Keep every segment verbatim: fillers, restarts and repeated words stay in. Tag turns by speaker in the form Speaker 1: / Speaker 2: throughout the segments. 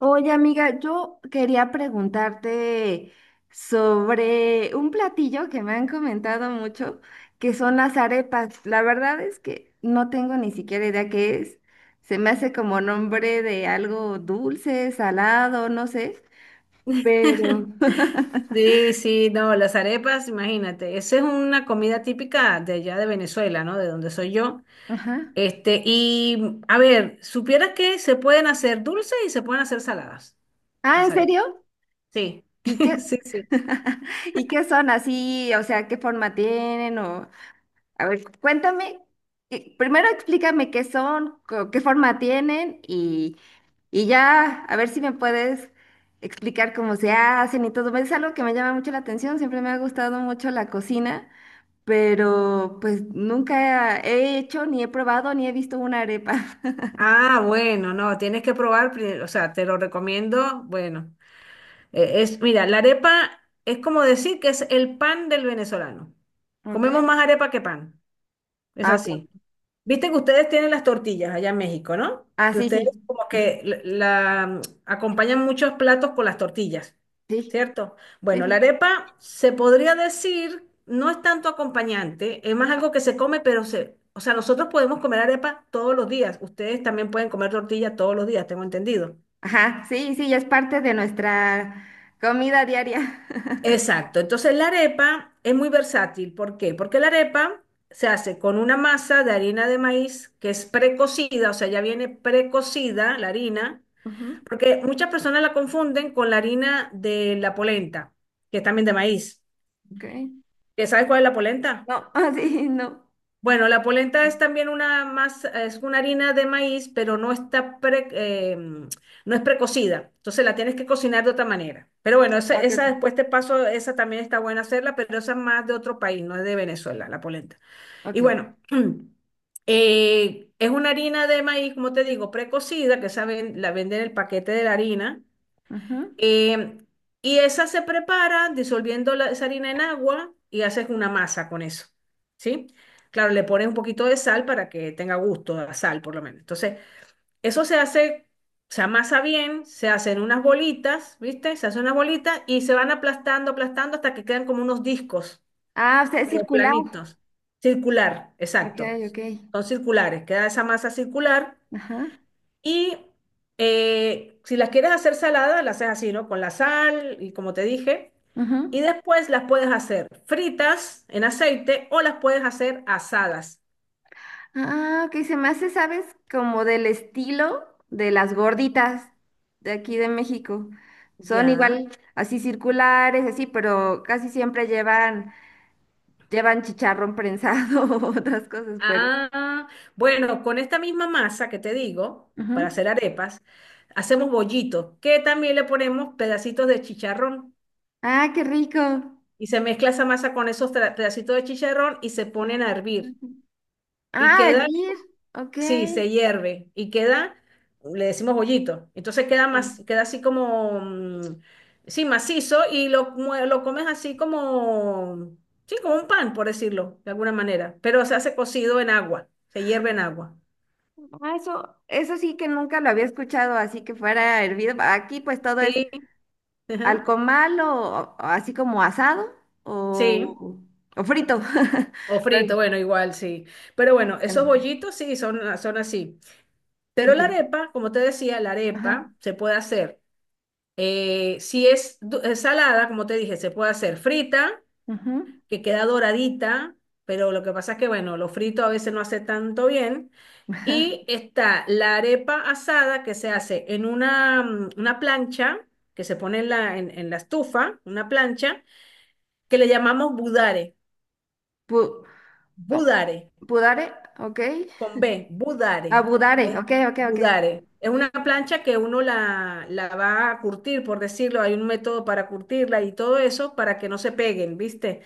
Speaker 1: Oye, amiga, yo quería preguntarte sobre un platillo que me han comentado mucho, que son las arepas. La verdad es que no tengo ni siquiera idea qué es. Se me hace como nombre de algo dulce, salado, no sé, pero...
Speaker 2: Sí, sí, no, las arepas, imagínate, esa es una comida típica de allá de Venezuela, ¿no? De donde soy yo.
Speaker 1: Ajá.
Speaker 2: Este, y a ver, supieras que se pueden hacer dulces y se pueden hacer saladas,
Speaker 1: Ah, ¿en
Speaker 2: las arepas.
Speaker 1: serio?
Speaker 2: Sí,
Speaker 1: ¿Y qué?
Speaker 2: sí, sí.
Speaker 1: ¿Y qué son así? O sea, ¿qué forma tienen? O... A ver, cuéntame, eh, primero explícame qué son, co- qué forma tienen y, y ya a ver si me puedes explicar cómo se hacen y todo. Es algo que me llama mucho la atención, siempre me ha gustado mucho la cocina, pero pues nunca he hecho, ni he probado, ni he visto una arepa.
Speaker 2: Ah, bueno, no, tienes que probar, pri- o sea, te lo recomiendo. Bueno, eh, es, mira, la arepa es como decir que es el pan del venezolano. Comemos
Speaker 1: Ok.
Speaker 2: más arepa que pan, es
Speaker 1: Ah, ok.
Speaker 2: así. Viste que ustedes tienen las tortillas allá en México, ¿no?
Speaker 1: Ah,
Speaker 2: Que
Speaker 1: sí,
Speaker 2: ustedes
Speaker 1: sí,
Speaker 2: como que la, la- acompañan muchos platos con las tortillas,
Speaker 1: sí,
Speaker 2: ¿cierto?
Speaker 1: sí,
Speaker 2: Bueno, la
Speaker 1: sí.
Speaker 2: arepa se podría decir, no es tanto acompañante, es más algo que se come, pero se, o sea, nosotros podemos comer arepa todos los días, ustedes también pueden comer tortilla todos los días, tengo entendido.
Speaker 1: Ajá, sí, sí, ya es parte de nuestra comida diaria.
Speaker 2: Exacto, entonces la arepa es muy versátil, ¿por qué? Porque la arepa se hace con una masa de harina de maíz que es precocida, o sea, ya viene precocida la harina.
Speaker 1: Ujú.
Speaker 2: Porque muchas personas la confunden con la harina de la polenta, que es también de maíz.
Speaker 1: Ok.
Speaker 2: ¿Que sabes cuál es la polenta?
Speaker 1: No, ah, sí, no.
Speaker 2: Bueno, la polenta es también una más, es una harina de maíz, pero no está pre- eh, no es precocida. Entonces la tienes que cocinar de otra manera. Pero bueno, esa,
Speaker 1: Ok, ok,
Speaker 2: esa después te paso, esa también está buena hacerla, pero esa es más de otro país, no es de Venezuela, la polenta. Y
Speaker 1: ok.
Speaker 2: bueno, eh, es una harina de maíz, como te digo, precocida, que esa ven- la venden en el paquete de la harina.
Speaker 1: Ajá.
Speaker 2: Eh, y esa se prepara disolviendo la, esa harina en agua y haces una masa con eso, ¿sí? Claro, le pones un poquito de sal para que tenga gusto a sal, por lo menos. Entonces, eso se hace, se amasa bien, se hacen unas bolitas, ¿viste? Se hacen unas bolitas y se van aplastando, aplastando hasta que quedan como unos discos,
Speaker 1: Ah, o sea, es
Speaker 2: pero
Speaker 1: circular.
Speaker 2: planitos, circular,
Speaker 1: Ok,
Speaker 2: exacto.
Speaker 1: ok.
Speaker 2: Son circulares, queda esa masa circular
Speaker 1: Ajá.
Speaker 2: y eh, si las quieres hacer saladas, las haces así, ¿no? Con la sal y como te dije.
Speaker 1: Ajá.
Speaker 2: Y después las puedes hacer fritas en aceite o las puedes hacer asadas.
Speaker 1: Ah, ok, se me hace, ¿sabes? Como del estilo de las gorditas de aquí de México. Son
Speaker 2: Ya.
Speaker 1: igual, así circulares, así, pero casi siempre llevan, llevan chicharrón prensado o otras cosas, pero.
Speaker 2: Ah, bueno, con esta misma masa que te digo,
Speaker 1: Ajá.
Speaker 2: para hacer arepas, hacemos bollitos, que también le ponemos pedacitos de chicharrón.
Speaker 1: Ah, qué rico. Ah,
Speaker 2: Y se mezcla esa masa con esos tra- pedacitos de chicharrón y se ponen a hervir.
Speaker 1: ajá.
Speaker 2: Y
Speaker 1: Ah,
Speaker 2: queda,
Speaker 1: hervir. Ok.
Speaker 2: sí, se hierve y queda, le decimos bollito. Entonces queda más, queda así como, mm, sí, macizo y lo, mue- lo comes así como, sí, como un pan, por decirlo, de alguna manera. Pero se hace cocido en agua, se hierve en agua.
Speaker 1: Ah, eso, eso sí que nunca lo había escuchado, así que fuera hervido. Aquí pues todo es
Speaker 2: Sí,
Speaker 1: al
Speaker 2: ajá,
Speaker 1: comal o, o así como asado
Speaker 2: sí.
Speaker 1: o, o frito.
Speaker 2: O
Speaker 1: Pero
Speaker 2: frito, bueno, igual, sí. Pero bueno, esos
Speaker 1: bueno,
Speaker 2: bollitos sí son, son así. Pero la
Speaker 1: ok.
Speaker 2: arepa, como te decía, la
Speaker 1: Ajá.
Speaker 2: arepa se puede hacer, eh, si es du- es salada, como te dije, se puede hacer frita
Speaker 1: Ujú.
Speaker 2: que queda doradita, pero lo que pasa es que, bueno, lo frito a veces no hace tanto bien. Y está la arepa asada que se hace en una, mm, una plancha, que se pone en la, en, en la estufa, una plancha, que le llamamos budare,
Speaker 1: Pu- co-
Speaker 2: budare,
Speaker 1: pudare, ok.
Speaker 2: con B, budare.
Speaker 1: Abudare,
Speaker 2: Es
Speaker 1: ok, ok, ok.
Speaker 2: budare. Es una plancha que uno la, la va a curtir, por decirlo, hay un método para curtirla y todo eso para que no se peguen, ¿viste?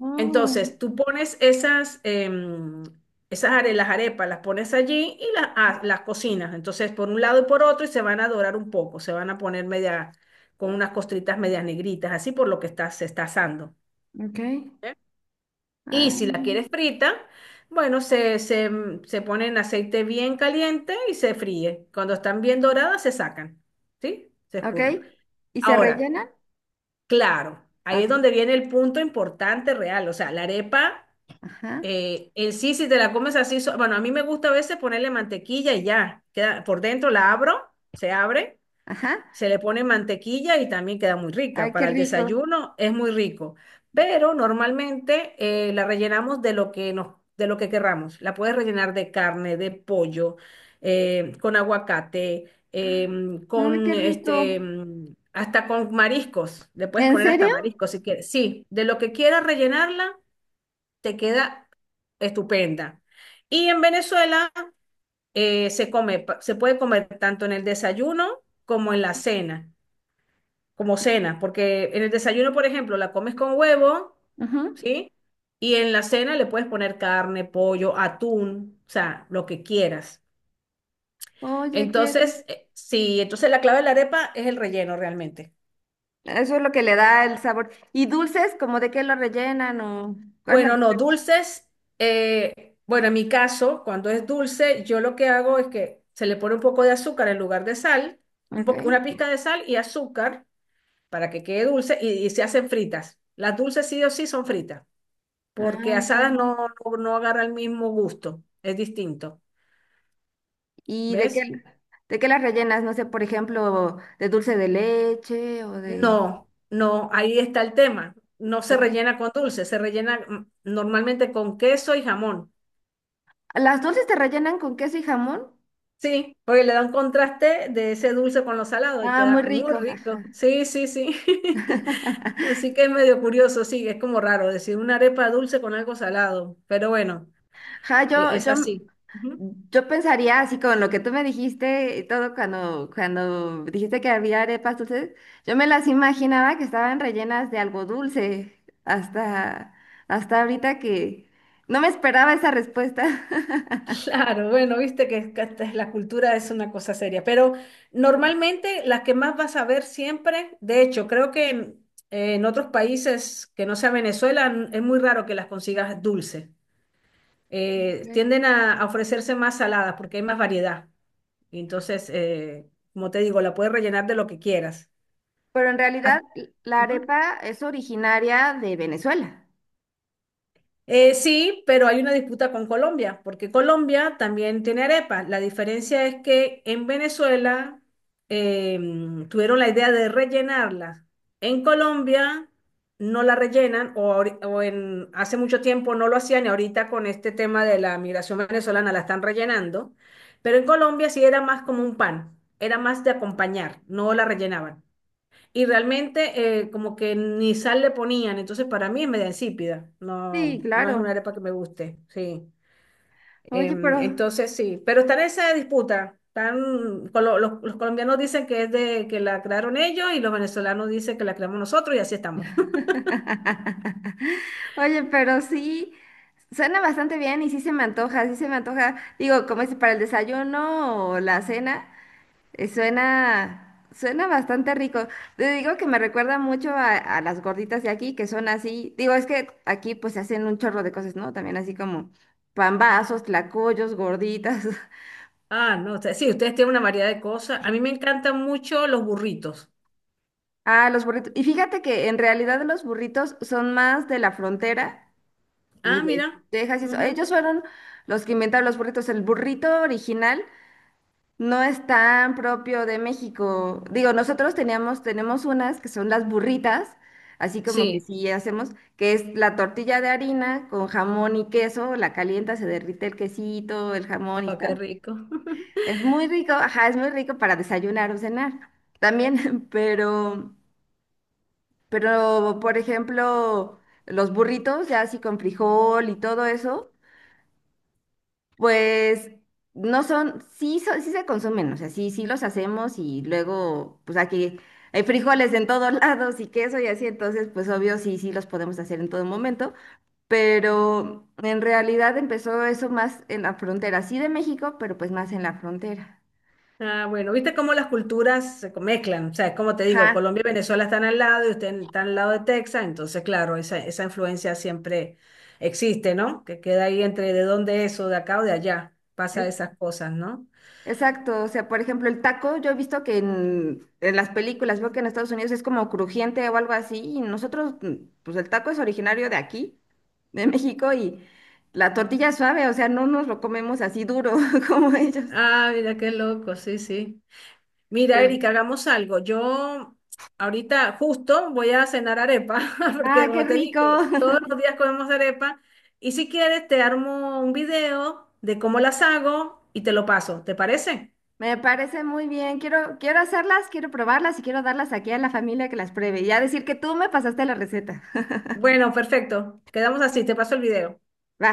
Speaker 1: Oh,
Speaker 2: Entonces, tú pones esas, em, esas are- las arepas, las pones allí y las, ha- las cocinas. Entonces, por un lado y por otro, y se van a dorar un poco, se van a poner media, con unas costritas medias negritas, así por lo que está, se está asando.
Speaker 1: ok.
Speaker 2: ¿Eh? Y si la quieres frita, bueno, se, se, mm, se pone en aceite bien caliente y se fríe. Cuando están bien doradas, se sacan, ¿sí? Se
Speaker 1: Ah, ok.
Speaker 2: escurren.
Speaker 1: ¿Y se
Speaker 2: Ahora,
Speaker 1: rellenan?
Speaker 2: claro, ahí es
Speaker 1: Ok.
Speaker 2: donde viene el punto importante real. O sea, la arepa.
Speaker 1: Ajá,
Speaker 2: Eh, en sí, si te la comes así, so- bueno, a mí me gusta a veces ponerle mantequilla y ya, queda por dentro la abro, se abre,
Speaker 1: ajá.
Speaker 2: se le pone mantequilla y también queda muy rica.
Speaker 1: Ay, qué
Speaker 2: Para el
Speaker 1: rico.
Speaker 2: desayuno es muy rico, pero normalmente eh, la rellenamos de lo que nos, de lo que querramos. La puedes rellenar de carne, de pollo, eh, con aguacate, em,
Speaker 1: Ay,
Speaker 2: con
Speaker 1: qué rico.
Speaker 2: este, em, hasta con mariscos. Le puedes
Speaker 1: ¿En
Speaker 2: poner hasta
Speaker 1: serio?
Speaker 2: mariscos si quieres. Sí, de lo que quieras rellenarla te queda estupenda. Y en Venezuela eh, se come, pa- se puede comer tanto en el desayuno como en la cena, como cena, porque en el desayuno, por ejemplo, la comes con huevo,
Speaker 1: Ajá.
Speaker 2: ¿sí? Y en la cena le puedes poner carne, pollo, atún, o sea, lo que quieras.
Speaker 1: Oye, qué rico.
Speaker 2: Entonces, eh, sí, entonces la clave de la arepa es el relleno realmente.
Speaker 1: Eso es lo que le da el sabor. ¿Y dulces, como de qué lo rellenan o cuál es la
Speaker 2: Bueno, no,
Speaker 1: diferencia?
Speaker 2: dulces. eh, bueno, en mi caso, cuando es dulce, yo lo que hago es que se le pone un poco de azúcar en lugar de sal, un
Speaker 1: Ok.
Speaker 2: po- una pizca de sal y azúcar para que quede dulce y, y se hacen fritas. Las dulces sí o sí son fritas, porque
Speaker 1: Ah, ok.
Speaker 2: asadas no, no, no agarra el mismo gusto, es distinto.
Speaker 1: ¿Y de qué,
Speaker 2: ¿Ves?
Speaker 1: de qué las rellenas? No sé, por ejemplo, de dulce de leche o de...
Speaker 2: No, no, ahí está el tema. No se
Speaker 1: Ok.
Speaker 2: rellena con dulce, se rellena mm, normalmente con queso y jamón.
Speaker 1: ¿Las dulces te rellenan con queso y jamón?
Speaker 2: Sí, porque le da un contraste de ese dulce con lo salado y
Speaker 1: Ah, muy
Speaker 2: queda muy
Speaker 1: rico,
Speaker 2: rico.
Speaker 1: jaja.
Speaker 2: Sí, sí, sí. Así que es medio curioso, sí, es como raro decir una arepa dulce con algo salado, pero bueno,
Speaker 1: Ja,
Speaker 2: e-
Speaker 1: yo,
Speaker 2: es
Speaker 1: yo,
Speaker 2: así. Ujú.
Speaker 1: yo pensaría así con lo que tú me dijiste y todo cuando, cuando dijiste que había arepas dulces, yo me las imaginaba que estaban rellenas de algo dulce hasta, hasta ahorita que no me esperaba esa respuesta.
Speaker 2: Claro, bueno, viste que, que esta es la cultura es una cosa seria, pero normalmente las que más vas a ver siempre, de hecho, creo que en, en otros países que no sea Venezuela n- es muy raro que las consigas dulce. Eh,
Speaker 1: Ok.
Speaker 2: tienden a a ofrecerse más saladas porque hay más variedad. Y entonces, eh, como te digo, la puedes rellenar de lo que quieras.
Speaker 1: Pero en
Speaker 2: Ah,
Speaker 1: realidad la
Speaker 2: ujú.
Speaker 1: arepa es originaria de Venezuela.
Speaker 2: Eh, sí, pero hay una disputa con Colombia, porque Colombia también tiene arepa. La diferencia es que en Venezuela em, tuvieron la idea de rellenarla. En Colombia no la rellenan o, ahori- o en, hace mucho tiempo no lo hacían y ahorita con este tema de la migración venezolana la están rellenando. Pero en Colombia sí era más como un pan, era más de acompañar, no la rellenaban. Y realmente eh, como que ni sal le ponían, entonces para mí es media insípida,
Speaker 1: Sí,
Speaker 2: no, no es una
Speaker 1: claro.
Speaker 2: arepa que me guste, sí.
Speaker 1: Oye,
Speaker 2: Em,
Speaker 1: pero
Speaker 2: entonces sí, pero está en esa disputa, están, colo- los, los colombianos dicen que es de que la crearon ellos y los venezolanos dicen que la creamos nosotros y así estamos.
Speaker 1: oye, pero sí, suena bastante bien y sí se me antoja, sí se me antoja. Digo, como es para el desayuno o la cena, eh, suena, suena bastante rico. Te digo que me recuerda mucho a, a las gorditas de aquí, que son así. Digo, es que aquí pues se hacen un chorro de cosas, ¿no? También así como pambazos, tlacoyos, gorditas.
Speaker 2: Ah, no, usted- sí, ustedes tienen una variedad de cosas. A mí me encantan mucho los burritos.
Speaker 1: Ah, los burritos. Y fíjate que en realidad los burritos son más de la frontera. Y
Speaker 2: Ah,
Speaker 1: de
Speaker 2: mira.
Speaker 1: Texas, y eso.
Speaker 2: Ujú.
Speaker 1: Ellos fueron los que inventaron los burritos. El burrito original no es tan propio de México. Digo, nosotros teníamos, tenemos unas que son las burritas, así como que
Speaker 2: Sí.
Speaker 1: sí hacemos, que es la tortilla de harina con jamón y queso, la calienta, se derrite el quesito, el jamón y
Speaker 2: Oh, qué
Speaker 1: está.
Speaker 2: rico.
Speaker 1: Es muy rico, ajá, es muy rico para desayunar o cenar también, pero, pero, por ejemplo, los burritos ya así con frijol y todo eso. Pues no son, sí, son- sí se consumen, o sea, sí, sí los hacemos y luego, pues aquí hay frijoles en todos lados y queso y así, entonces, pues obvio, sí, sí los podemos hacer en todo momento, pero en realidad empezó eso más en la frontera, sí de México, pero pues más en la frontera.
Speaker 2: Ah, bueno, viste cómo las culturas se mezclan. O sea, como te digo,
Speaker 1: Ajá,
Speaker 2: Colombia y Venezuela están al lado y usted está al lado de Texas, entonces, claro, esa, esa influencia siempre existe, ¿no? Que queda ahí entre de dónde es o de acá o de allá. Pasa esas cosas, ¿no?
Speaker 1: exacto, o sea, por ejemplo, el taco, yo he visto que en, en las películas, veo que en Estados Unidos es como crujiente o algo así, y nosotros, mm, pues el taco es originario de aquí, de México, y la tortilla es suave, o sea, no nos lo comemos así duro como ellos.
Speaker 2: Ah, mira qué loco, sí, sí. Mira, Erika,
Speaker 1: Sí.
Speaker 2: hagamos algo. Yo ahorita justo voy a cenar arepa, porque
Speaker 1: Ah, qué
Speaker 2: como te
Speaker 1: rico,
Speaker 2: dije, todos los días comemos arepa. Y si quieres, te armo un video de cómo las hago y te lo paso. ¿Te parece?
Speaker 1: me parece muy bien, quiero, quiero hacerlas, quiero probarlas y quiero darlas aquí a la familia que las pruebe, y ya decir que tú me pasaste la receta.
Speaker 2: Bueno, perfecto. Quedamos así, te paso el video.
Speaker 1: Va.